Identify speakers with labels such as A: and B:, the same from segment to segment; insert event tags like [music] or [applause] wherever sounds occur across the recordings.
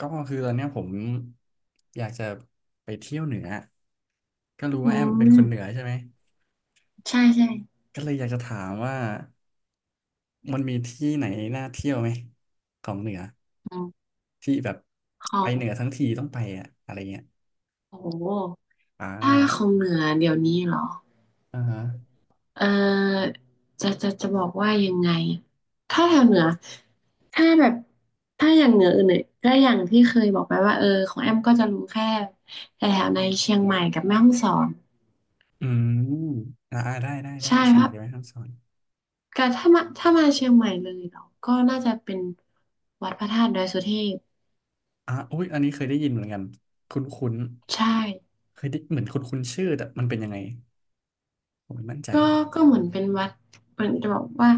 A: ก็คือตอนเนี้ยผมอยากจะไปเที่ยวเหนือก็รู้
B: อื
A: ว่าแอมเป็นคนเหนือ
B: ม
A: ใช่ไหม
B: ใช่ใช่
A: ก็เลยอยากจะถามว่ามันมีที่ไหนน่าเที่ยวไหมของเหนือ
B: อืม
A: ที่แบบ
B: ขอ
A: ไปเหนือ
B: ง
A: ทั้งทีต้องไปอะอะไรเงี้ย
B: โอ้โห
A: อ่า
B: ถ้าของเหนือเดี๋ยวนี้เหรอ
A: อ่าฮะ
B: เออจะบอกว่ายังไงถ้าแถวเหนือถ้าแบบถ้าอย่างเหนืออื่นเนี่ยก็อย่างที่เคยบอกไปว่าเออของแอมก็จะรู้แค่แถวในเชียงใหม่กับแม่ฮ่องสอน
A: อืมอ่าอ่าได้ได้ได้
B: ใช่
A: เชียง
B: เพ
A: ใหม่
B: ราะ
A: ได้ไหมคำสอน
B: ก็ถ้ามาเชียงใหม่เลยเหราก็น่าจะเป็นวัดพระธาตุดอยสุเทพ
A: อ่าอุ้ยอันนี้เคยได้ยินเหมือนกันคุ้นคุ้น
B: ใช่
A: เคยได้เหมือนคุ้นคุ้นชื่อแต่มันเป็นยังไงผมไม่มั่นใจ
B: ก็ก็เหมือนเป็นวัดเป็นจะบอกว่า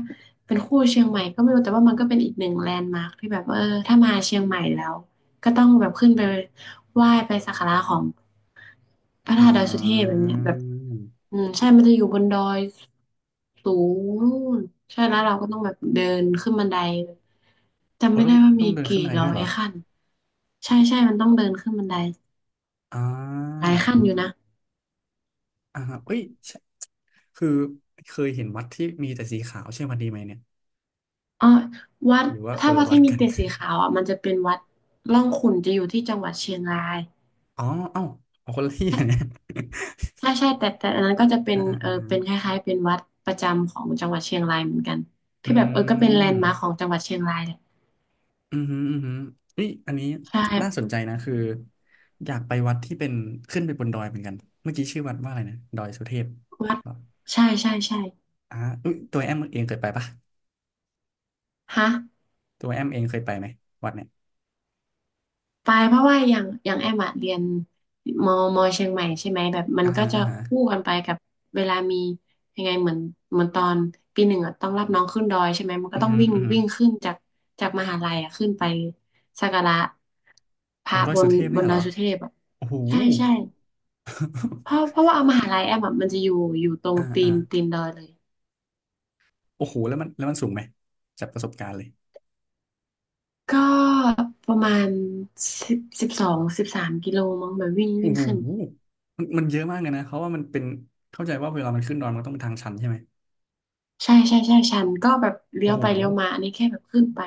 B: เป็นคู่เชียงใหม่ก็ไม่รู้แต่ว่ามันก็เป็นอีกหนึ่งแลนด์มาร์คที่แบบว่าเออถ้ามาเชียงใหม่แล้วก็ต้องแบบขึ้นไปไหว้ไปสักการะของพระ
A: อ่
B: ธาตุดอยสุเทพแบบ
A: า
B: เนี้ยแบบอืมใช่มันจะอยู่บนดอยสูงนู่นใช่แล้วเราก็ต้องแบบเดินขึ้นบันไดจำ
A: โอ้
B: ไม่
A: ต้อ
B: ได้
A: ง
B: ว่า
A: ต้อ
B: มี
A: งเดินขึ้
B: กี่
A: นบันได
B: ร้อ
A: ด้วยเห
B: ย
A: รอ
B: ขั้นใช่ใช่มันต้องเดินขึ้นบันได
A: อ่
B: หลา
A: า
B: ยขั้นอยู่นะ
A: อ่าฮะเอ้ยใช่คือเคยเห็นวัดที่มีแต่สีขาวใช่วันดนีไหมเนี่ย
B: อ๋อวัด
A: หรือว่าค
B: ถ้า
A: น
B: วั
A: ละ
B: ด
A: วัด
B: ที่มี
A: กัน
B: เต็ดสีขาวอ่ะมันจะเป็นวัดร่องขุ่นจะอยู่ที่จังหวัดเชียงราย
A: [laughs] อ๋อเอ้าอองคนละที่อะเนี่ย
B: ใช่ใช่แต่อันนั้นก็จะเป็
A: [laughs]
B: น
A: อ่าอ่า
B: เออ
A: อ่า
B: เป็นคล้ายๆเป็นวัดประจำของจังหวัดเชียงรายเหมือนกัน
A: อื
B: ที่แบบเออก็เป็นแล
A: ม
B: นด์มาร์คของจังหวัดเชียงรายแหละ
A: อืมอหืมออือหือเอ้ยอันนี้
B: ใช่
A: น่าสนใจนะคืออยากไปวัดที่เป็นขึ้นไปบนดอยเหมือนกันเมื่อกี้ชื่อวัดว่าอะไรนะดอยสุเทพ
B: วัด
A: เหรอ
B: ใช่ใช่ใช่
A: อ่าเอ้ยตัวแอมเองเคยไปปะ
B: ฮะ
A: ตัวแอมเองเคยไปไหมวัดเนี่ย
B: ไปเพราะว่าอย่างอย่างแอมอะเรียนมเชียงใหม่ใช่ไหมแบบมั
A: อ่า
B: นก็
A: ฮะ
B: จะ
A: อ่าฮะ
B: คู่กันไปกับเวลามียังไงเหมือนเหมือนตอนปีหนึ่งอะต้องรับน้องขึ้นดอยใช่ไหมมัน
A: อื
B: ก็
A: มอ
B: ต้อง
A: หืม
B: วิ่
A: อ
B: ง
A: อืมอหือ
B: วิ่งขึ้นจากจากมหาลัยอะขึ้นไปสักการะพ
A: ขอ
B: ระ
A: งดอย
B: บ
A: สุ
B: น
A: เทพ
B: บ
A: เนี่
B: น
A: ย
B: ด
A: เหร
B: อย
A: อ
B: สุเทพอะ
A: โอ้โห
B: ใช่ใช่เพราะ
A: [laughs]
B: เพราะว่าเอามหาลัยแอมอะมันจะอยู่อยู่ตรง
A: อ่า
B: ตี
A: อ่า
B: นตีนดอยเลย
A: โอ้โหแล้วมันสูงไหมจากประสบการณ์เลย
B: ก็ประมาณ10 12 13 กิโลมั้งแบบวิ่ง
A: โอ้
B: วิ่ง
A: โห
B: ขึ้น
A: มันเยอะมากเลยนะเพราะว่ามันเป็นเข้าใจว่าเวลามันขึ้นดอยมันต้องเป็นทางชันใช่ไหม
B: ใช่ใช่ใช่ชันก็แบบเลี้
A: โอ้
B: ยว
A: โห
B: ไปเลี้ยวมาอันนี้แค่แบบขึ้นไป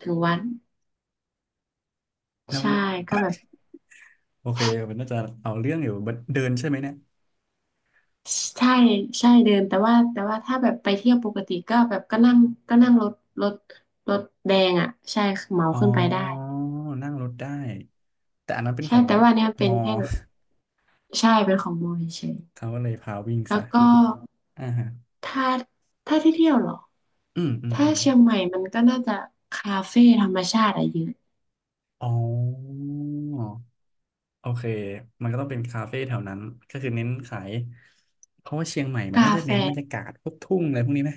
B: ถึงวัด
A: แล้ว
B: ใช่ก็แบบ
A: [laughs] โอเคมันน่าจะเอาเรื่องอยู่บัดเดินใช่ไหมเนี่ย
B: ใช่ใช่เดินแต่ว่าถ้าแบบไปเที่ยวปกติก็แบบก็นั่งก็นั่งรถรถรถแดงอ่ะใช่เหมา
A: อ๋อ
B: ขึ้นไปได้
A: นั่งรถได้แต่อันนั้นเป็น
B: ใช่
A: ของ
B: แต่ว่าเนี่ยเป็
A: ม
B: น
A: อ
B: แค่แบบ
A: [laughs]
B: ใช่เป็นของมอญเฉย
A: เขาก็เลยพาวิ่ง
B: แล้
A: ซะ
B: วก็
A: อ่าฮะ
B: ถ้าถ้าที่เที่ยวเหรอ
A: อืมอืม
B: ถ้า
A: อืม
B: เชียงใหม่มันก็น่าจะคาเฟ่ธรรมชาติอะเยอะ
A: อ๋อ โอเคมันก็ต้องเป็นคาเฟ่แถวนั้นก็คือเน้นขายเพราะว่าเชียงใหม่มัน
B: กา
A: น่าจะ
B: แฟ
A: เน้นบรรยากาศพวกทุ่งอะไรพวกนี้ไหม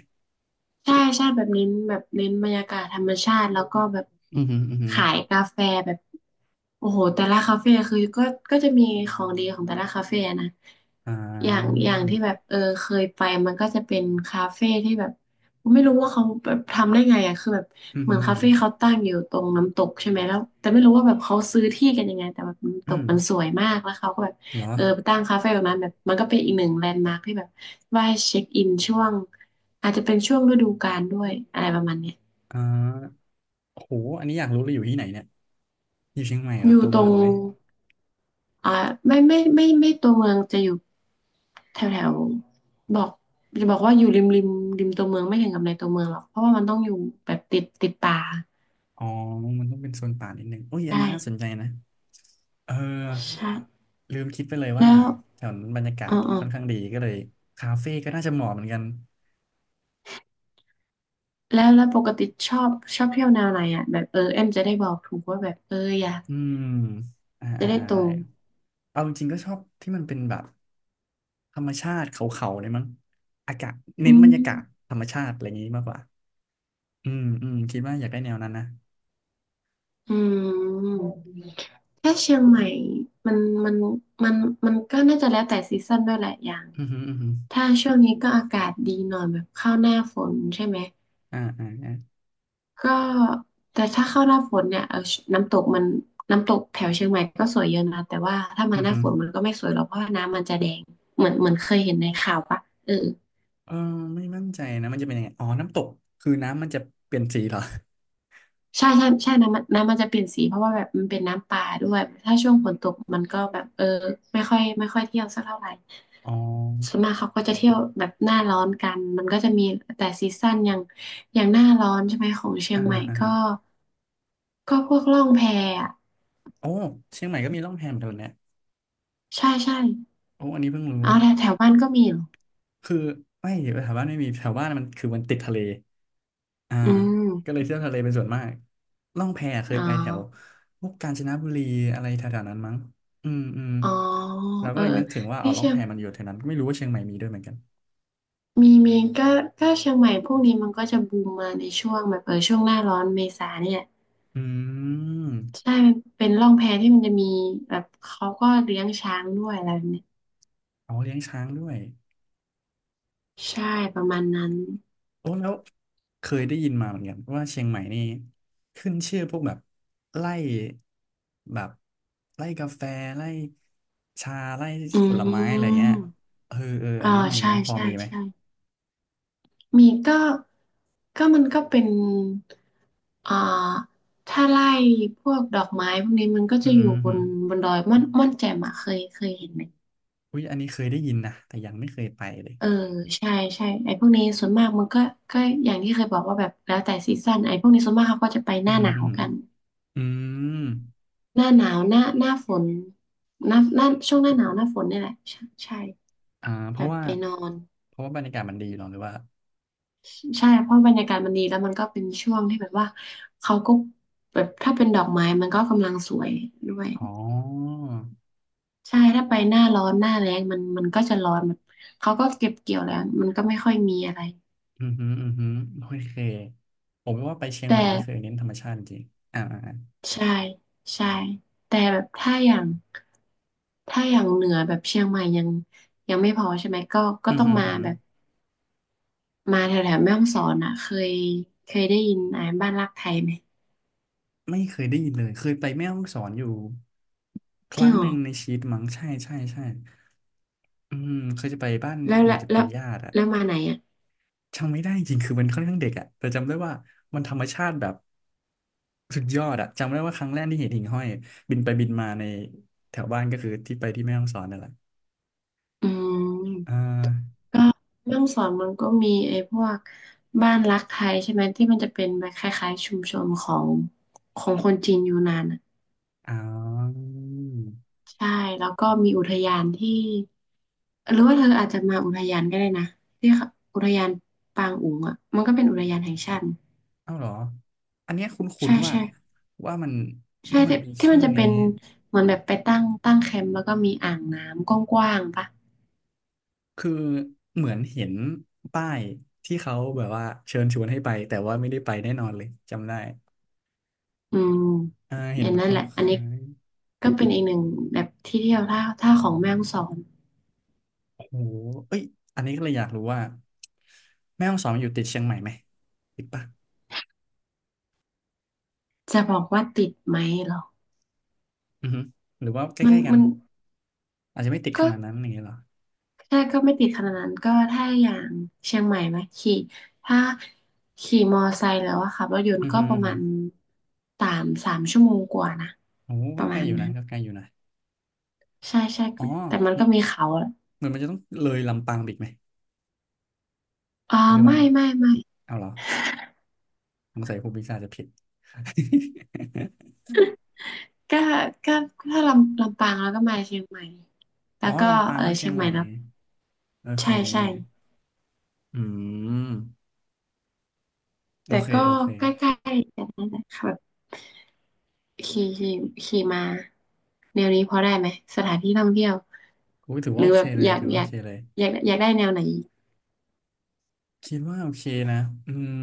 B: ใช่ใช่แบบเน้นแบบเน้นบรรยากาศธรรมชาติแล้วก็แบบ
A: อืมอหืมออือหือ
B: ขายกาแฟแบบโอ้โหแต่ละคาเฟ่คือก็ก็จะมีของดีของแต่ละคาเฟ่นะ
A: อ่
B: อย่าง
A: า
B: อย่างที่แบบเออเคยไปมันก็จะเป็นคาเฟ่ที่แบบไม่รู้ว่าเขาแบบทำได้ไงอ่ะคือแบบ
A: อืม
B: เห
A: อ
B: มื
A: หื
B: อน
A: ม
B: คาเฟ่เขาตั้งอยู่ตรงน้ำตกใช่ไหมแล้วแต่ไม่รู้ว่าแบบเขาซื้อที่กันยังไงแต่แบบน้ำ
A: อ
B: ต
A: อื
B: ก
A: ม
B: มันสวยมากแล้วเขาก็แบบ
A: เหรอ
B: เออไปตั้งคาเฟ่ตรงนั้นแบบมันก็เป็นอีกหนึ่งแลนด์มาร์คที่แบบ ว่าให้เช็คอินช่วงอาจจะเป็นช่วงฤดูกาลด้วยอะไรประมาณเนี้ย
A: อ่าโหอันนี้อยากรู้เลยอยู่ที่ไหนเนี่ยอยู่เชียงใหม่เหร
B: อ
A: อ
B: ยู่
A: ตัว
B: ตร
A: เมือ
B: ง
A: งไหม
B: อ่าไม่ตัวเมืองจะอยู่แถวแถวบอกจะบอกว่าอยู่ริมริมริมตัวเมืองไม่ถึงกับในตัวเมืองหรอกเพราะว่ามันต้องอยู่แบบติดป่า
A: อ๋อมันต้องเป็นโซนป่านิดนึงโอ้ยอัน
B: ใช่
A: นี้น่าสนใจนะเออ
B: ใช่
A: ลืมคิดไปเลยว่า
B: แล้ว
A: แถวนั้นบรรยากา
B: อ๋
A: ศ
B: ออ๋อ
A: ค่อนข้างดีก็เลยคาเฟ่ก็น่าจะเหมาะเหมือนกัน
B: แล้วปกติชอบชอบเที่ยวแนวไหนอ่ะแบบเออเอ็มจะได้บอกถูกว่าแบบเอออยาก
A: อืมอ่า
B: จะ
A: อ่า
B: ได้
A: อ่า
B: ตร
A: ได้
B: ง
A: เอาจริงๆก็ชอบที่มันเป็นแบบธรรมชาติเขาๆเลยมั้งอากาศ
B: อื
A: เน้นบรรยากาศ
B: ม
A: ธรรมชาติอะไรอย่างนี้มากกว่าอืมอืมคิดว่าอยากได้แนวนั้นนะ
B: อืม แค่เชียงใหม่มันมันมันมันก็น่าจะแล้วแต่ซีซั่นด้วยแหละอย่าง
A: อือฮึอือฮึ
B: ถ้าช่วงนี้ก็อากาศดีหน่อยแบบเข้าหน้าฝนใช่ไหม
A: อ่าอ่าอ่า
B: ก็แต่ถ้าเข้าหน้าฝนเนี่ยเออน้ำตกมันน้ำตกแถวเชียงใหม่ก็สวยเยอะนะแต่ว่าถ้ามา
A: อือ
B: หน้า
A: ฮึ
B: ฝนมันก็ไม่สวยหรอกเพราะว่าน้ำมันจะแดงเหมือนเหมือนเคยเห็นในข่าวปะเออ
A: เออไม่มั่นใจนะมันจะเป็นยังไงอ๋อน้ำตกคือน้ำมันจะเปลี่ยนสีเหรอ
B: ใช่ใช่ใช่น้ำมันจะเปลี่ยนสีเพราะว่าแบบมันเป็นน้ำปลาด้วยถ้าช่วงฝนตกมันก็แบบเออไม่ค่อยเที่ยวสักเท่าไหร่
A: อ๋อ
B: ส่วนมากเขาก็จะเที่ยวแบบหน้าร้อนกัน มันก็จะมีแต่ซีซั่นอย่างอย่างหน้าร้อนใช่ไหมของเชีย
A: อ่า
B: งให
A: ฮะ
B: ม่
A: อ่า
B: ก็
A: ฮะ
B: ก็พวกล่องแพอะ
A: โอ้เชียงใหม่ก็มีร่องแพเหมือนกันเนี่ย
B: ใช่ใช่
A: โอ้อันนี้เพิ่งรู้
B: เอาแถวแถวบ้านก็มีเหรอ
A: คือไม่แถวบ้านไม่มีแถวบ้านมันคือมันติดทะเล อ่า
B: อืม
A: ก็เลยเที่ยวทะเลเป็นส่วนมากล่องแพเคย
B: อ๋อ
A: ไปแถวพวกกาญจนบุรีอะไรแถวๆนั้นมั้งอืมอืม
B: อ๋อ
A: เรา
B: เอ
A: ก็
B: อ
A: เลยนึกถึงว่า
B: ที่
A: เอาล่อง
B: เชีย
A: แพ
B: ง
A: มันอยู่แถวนั้นไม่รู้ว่าเชียงใหม่มีด้วยเหมือนกัน
B: มีมีก็ก็เชียงใหม่พวกนี้มันก็จะบูมมาในช่วงแบบเออช่วงหน้าร้อนเมษาเนี่ย
A: อืม
B: ใช่มันเป็นล่องแพที่มันจะมีแบบเขาก็เลี้ยงช้างด้วยอะไรแบบเนี้ย
A: เอาเลี้ยงช้างด้วย
B: ใช่ประมาณนั้น
A: โอ้แล้วเคยได้ยินมาเหมือนกันว่าเชียงใหม่นี่ขึ้นชื่อพวกแบบไล่แบบไล่กาแฟไล่ชาไล่
B: อื
A: ผลไม้อะไรเงี้ย
B: ม
A: เออเอออั
B: อ่า
A: นเนี้ยมีไห
B: ใช่
A: มพอ
B: ใช่
A: มีไหม
B: ใช่ มีก็มันก็เป็นอ่าถ้าไล่พวกดอกไม้พวกนี้มันก็
A: อื
B: จะอยู่บน
A: ม
B: บนดอยม่อนม่อนแจ่มอะเคยเห็นไหม
A: อุ้ยอันนี้เคยได้ยินนะแต่ยังไม่เคยไปเลย
B: เออใช่ใช่ไอ้พวกนี้ส่วนมากมันก็อย่างที่เคยบอกว่าแบบแล้วแต่ซีซั่นไอ้พวกนี้ส่วนมากเขาก็จะไปห
A: อือ
B: น้า
A: หื
B: ห
A: อ
B: นา
A: อื
B: ว
A: อหือ
B: กัน
A: อืม
B: หน้าหนาวหน้าฝนหน้าช่วงหน้าหนาวหน้าฝนนี่แหละใช่ใช่
A: อ่าเพ
B: แบ
A: ราะ
B: บ
A: ว่า
B: ไปนอน
A: บรรยากาศมันดีเนาะหรือว่า
B: ใช่เพราะบรรยากาศมันดีแล้วมันก็เป็นช่วงที่แบบว่าเขาก็แบบถ้าเป็นดอกไม้มันก็กำลังสวยด้วย
A: อ๋อ
B: ใช่ถ้าไปหน้าร้อนหน้าแล้งมันก็จะร้อนแบบเขาก็เก็บเกี่ยวแล้วมันก็ไม่ค่อยมีอะไร
A: อือหืออือหือโอเคผมว่าไปเชียง
B: แต่
A: ใหม่นี่เคยเน้นธรรมชาติจริงๆอ่าอ่า
B: ใช่ใช่แต่แบบถ้าอย่างเหนือแบบเชียงใหม่ยังไม่พอใช่ไหมก็ก็
A: อือ
B: ต้อง
A: หือ
B: มา
A: อือหือ
B: แบบมาแถวแถวแม่ฮ่องสอนอ่ะเคยเคยได้ยินอ่านบ้านรักไทยไหม
A: ไม่เคยได้ยินเลยเคยไปแม่ฮ่องสอนอยู่ค
B: จริง
A: รั้ง
B: เหร
A: ห
B: อ
A: นึ่งในชีวิตมั้งใช่ใช่ใช่อืมเคยจะไปบ้าน
B: แล้ว
A: เหมือนจะเป็นญาติอะ
B: แล้วมาไหนอ่ะ
A: จำไม่ได้จริงๆคือมันค่อนข้างเด็กอะแต่จำได้ว่ามันธรรมชาติแบบสุดยอดอะจำได้ว่าครั้งแรกที่เห็นหิ่งห้อยบินไปบินมาในแถวบ้านก็คือที่ไปที่แม่ฮ่องสอนนั่นแหละ
B: อื
A: อ่
B: ม
A: า
B: ก็เรื่องสอนมันก็มีไอ้พวกบ้านรักไทยใช่ไหมที่มันจะเป็นแบบคล้ายๆชุมชนของคนจีนยูนานอ่ะ
A: อ๋อ
B: ใช่แล้วก็มีอุทยานที่หรือว่าเธออาจจะมาอุทยานก็ได้นะที่เขาอุทยานปางอุ๋งอ่ะมันก็เป็นอุทยานแห่งชาติ
A: เอ้าเหรออันเนี้ยคุ้
B: ใช่
A: นๆว่า
B: ใช่
A: ว่ามัน
B: ใช่
A: ว่ามัน
B: ที่
A: มี
B: ที่
A: ชื่
B: มัน
A: อ
B: จะ
A: นี้
B: เป็นเหมือนแบบไปตั้งแคมป์แล้วก็มีอ่างน้ำกว้างๆปะ
A: คือเหมือนเห็นป้ายที่เขาแบบว่าเชิญชวนให้ไปแต่ว่าไม่ได้ไปแน่นอนเลยจำได้
B: อืม
A: อ่าเห็น
B: เนี่ยนั่นแห
A: เขา
B: ละอัน
A: ขา
B: นี้
A: ย
B: ก็เป็นอีกหนึ่งแบบที่เที่ยวถ้าของแม่ฮ่องสอน
A: โอ้โหเอ้ยอันนี้ก็เลยอยากรู้ว่าแม่ฮ่องสอนอยู่ติดเชียงใหม่ไหมติดปะ
B: จะบอกว่าติดไหมเหรอ
A: อือฮึหรือว่าใก
B: มัน
A: ล้ๆกัน
B: มัน
A: อาจจะไม่ติดข
B: ก็
A: นาดนั้นอย่างเงี้ยเหรอ
B: แค่ก็ไม่ติดขนาดนั้นก็ถ้าอย่างเชียงใหม่ไหมขี่ถ้าขี่มอไซค์แล้วอะค่ะรถยน
A: อื
B: ต์
A: อ
B: ก็
A: ฮึ
B: ป
A: อื
B: ระ
A: อฮึ
B: มาณสามสามชั่วโมงกว่านะ
A: โอ้
B: ป
A: ก็
B: ระ
A: ใกล้
B: มาณ
A: อยู่นะ
B: นั้น
A: ก็ใกล้อยู่นะ
B: ใช่ใช่
A: อ๋
B: ก็แต่มันก็
A: อ
B: มีเขาอะ
A: เหมือนมันจะต้องเลยลำปางไปอีกไหม
B: อ่า
A: หรือเปล่า
B: ไม่ไม่
A: เอาเหรอสงสัยครูปีชาจจะผิด [laughs]
B: ก็ก็ถ้าลำปางแล้วก็มาเชียงใหม่แล้
A: อ๋อ
B: วก็
A: ลำปาง
B: เออ
A: เข้าเชี
B: เชี
A: ย
B: ย
A: ง
B: ง
A: ให
B: ใหม่
A: ม่
B: แล้ว
A: โอเค
B: ใช่ใช่
A: อืมโอ
B: แต่
A: เค
B: ก็
A: โอเค
B: ใกล้ๆกันนั่นแหละค่ะ ขี่ขี่ขี่มาแนวนี้พอได้ไหมสถานที่ท่องเที่ยว
A: กูถือ
B: ห
A: ว่า
B: รือ
A: โอ
B: แบ
A: เค
B: บ
A: เลยถือว่าโอเคเลย
B: อยากได้แนวไหน
A: คิดว่าโอเคนะอืม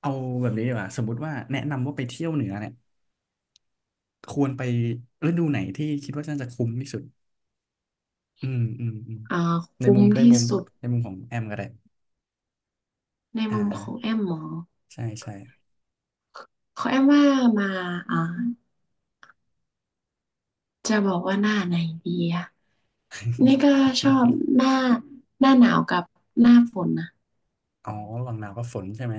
A: เอาแบบนี้ดีกว่าสมมติว่าแนะนำว่าไปเที่ยวเหนือเนี่ยควรไปฤดูไหนที่คิดว่าน่าจะคุ้มที่สุดอืมอืมอืม
B: อ่า
A: ใน
B: คุ้
A: มุ
B: ม
A: มใน
B: ที่
A: มุม
B: สุด
A: ในมุมของแอมก็ได้
B: ใน
A: อ่า
B: มุม
A: อ่า
B: ของแอมหมอ
A: ใช่ใช่
B: ของแอมว่ามาอ่าจะบอกว่าหน้าไหนดีอะนี่ก็ชอบ
A: [laughs]
B: หน้าหน้าหนาวกับหน้าฝนนะ
A: อ๋อระหว่างหนาวกับฝนใช่ไหม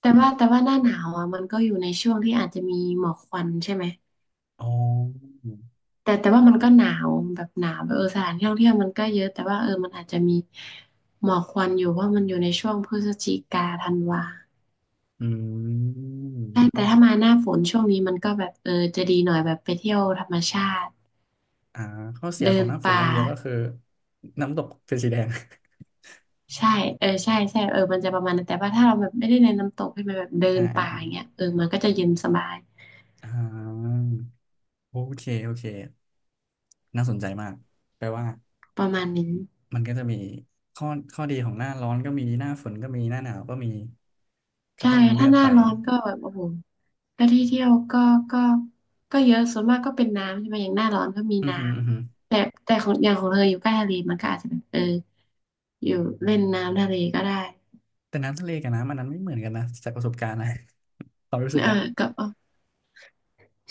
B: แต่ว่าหน้าหนาวอ่ะมันก็อยู่ในช่วงที่อาจจะมีหมอกควันใช่ไหม
A: อ๋อ
B: แต่ว่ามันก็หนาวแบบหนาวแบบสถานที่ท่องเที่ยวมันก็เยอะแต่ว่ามันอาจจะมีหมอกควันอยู่ว่ามันอยู่ในช่วงพฤศจิกาธันวา
A: อืม
B: ใช่
A: อ๋อ
B: แต่ถ้ามาหน้าฝนช่วงนี้มันก็แบบจะดีหน่อยแบบไปเที่ยวธรรมชาติ
A: อ่าข้อเสีย
B: เดิ
A: ของ
B: น
A: หน้าฝน
B: ป่า
A: อย่างเดียวก็คือน้ำตกเป็นสีแดง [laughs]
B: ใช่เออใช่ใช่มันจะประมาณนั้นแต่ว่าถ้าเราแบบไม่ได้ในน้ำตกใช่ไหมแบบเดิ
A: อ
B: นป่าอ
A: ่า
B: ย่างเงี้ยมันก็จะเย็นสบาย
A: อ่าอ่าอ่าโอเคโอเคน่าสนใจมากแปลว่า
B: ประมาณนี้
A: มันก็จะมีข้อข้อดีของหน้าร้อนก็มีหน้าฝนก็มีหน้าหนาวก็มีก็
B: ใช่
A: ต้องเลื
B: ถ้า
A: อก
B: หน้า
A: ไป
B: ร้อนก็แบบโอ้โหแล้วที่เที่ยวก็ก็เยอะส่วนมากก็เป็นน้ำใช่ไหมอย่างหน้าร้อนก็มี
A: อือ
B: น้
A: หืออือหือ
B: ำแต่ของอย่างของเธออยู่ใกล้ทะเลมันก็อาจจะแบบอยู่เล่นน้ำทะเลก็ได้
A: แต่น้ำทะเลกับน้ำอันนั้นไม่เหมือนกันนะจากประสบการณ์นะ [laughs] ความรู้สึ
B: [laughs]
A: ก
B: เออ
A: อะ
B: กับออ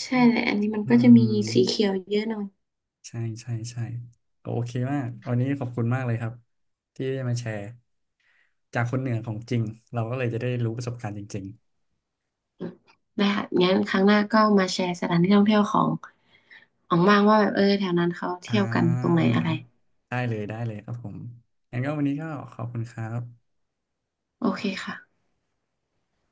B: ใช่
A: อืม
B: แหละอันนี้มัน
A: อื
B: ก็จะมีสี
A: ม
B: เขียวเยอะหน่อย
A: ใช่ใช่ใช่ก็โอเคมากวันนี้ขอบคุณมากเลยครับที่ได้มาแชร์จากคนเหนือของจริงเราก็เลยจะได้รู้ประสบการณ์จริง
B: ได้ค่ะงั้นครั้งหน้าก็มาแชร์สถานที่ท่องเที่ยวของของบ้างว่าแบบแถวนั้นเขา
A: ๆอ่า
B: เที่ยวกันตรงไหนอะไร
A: ได้เลยได้เลยครับผมงั้นก็วันนี้ก็ขอบคุณครับ
B: โอเคค่ะ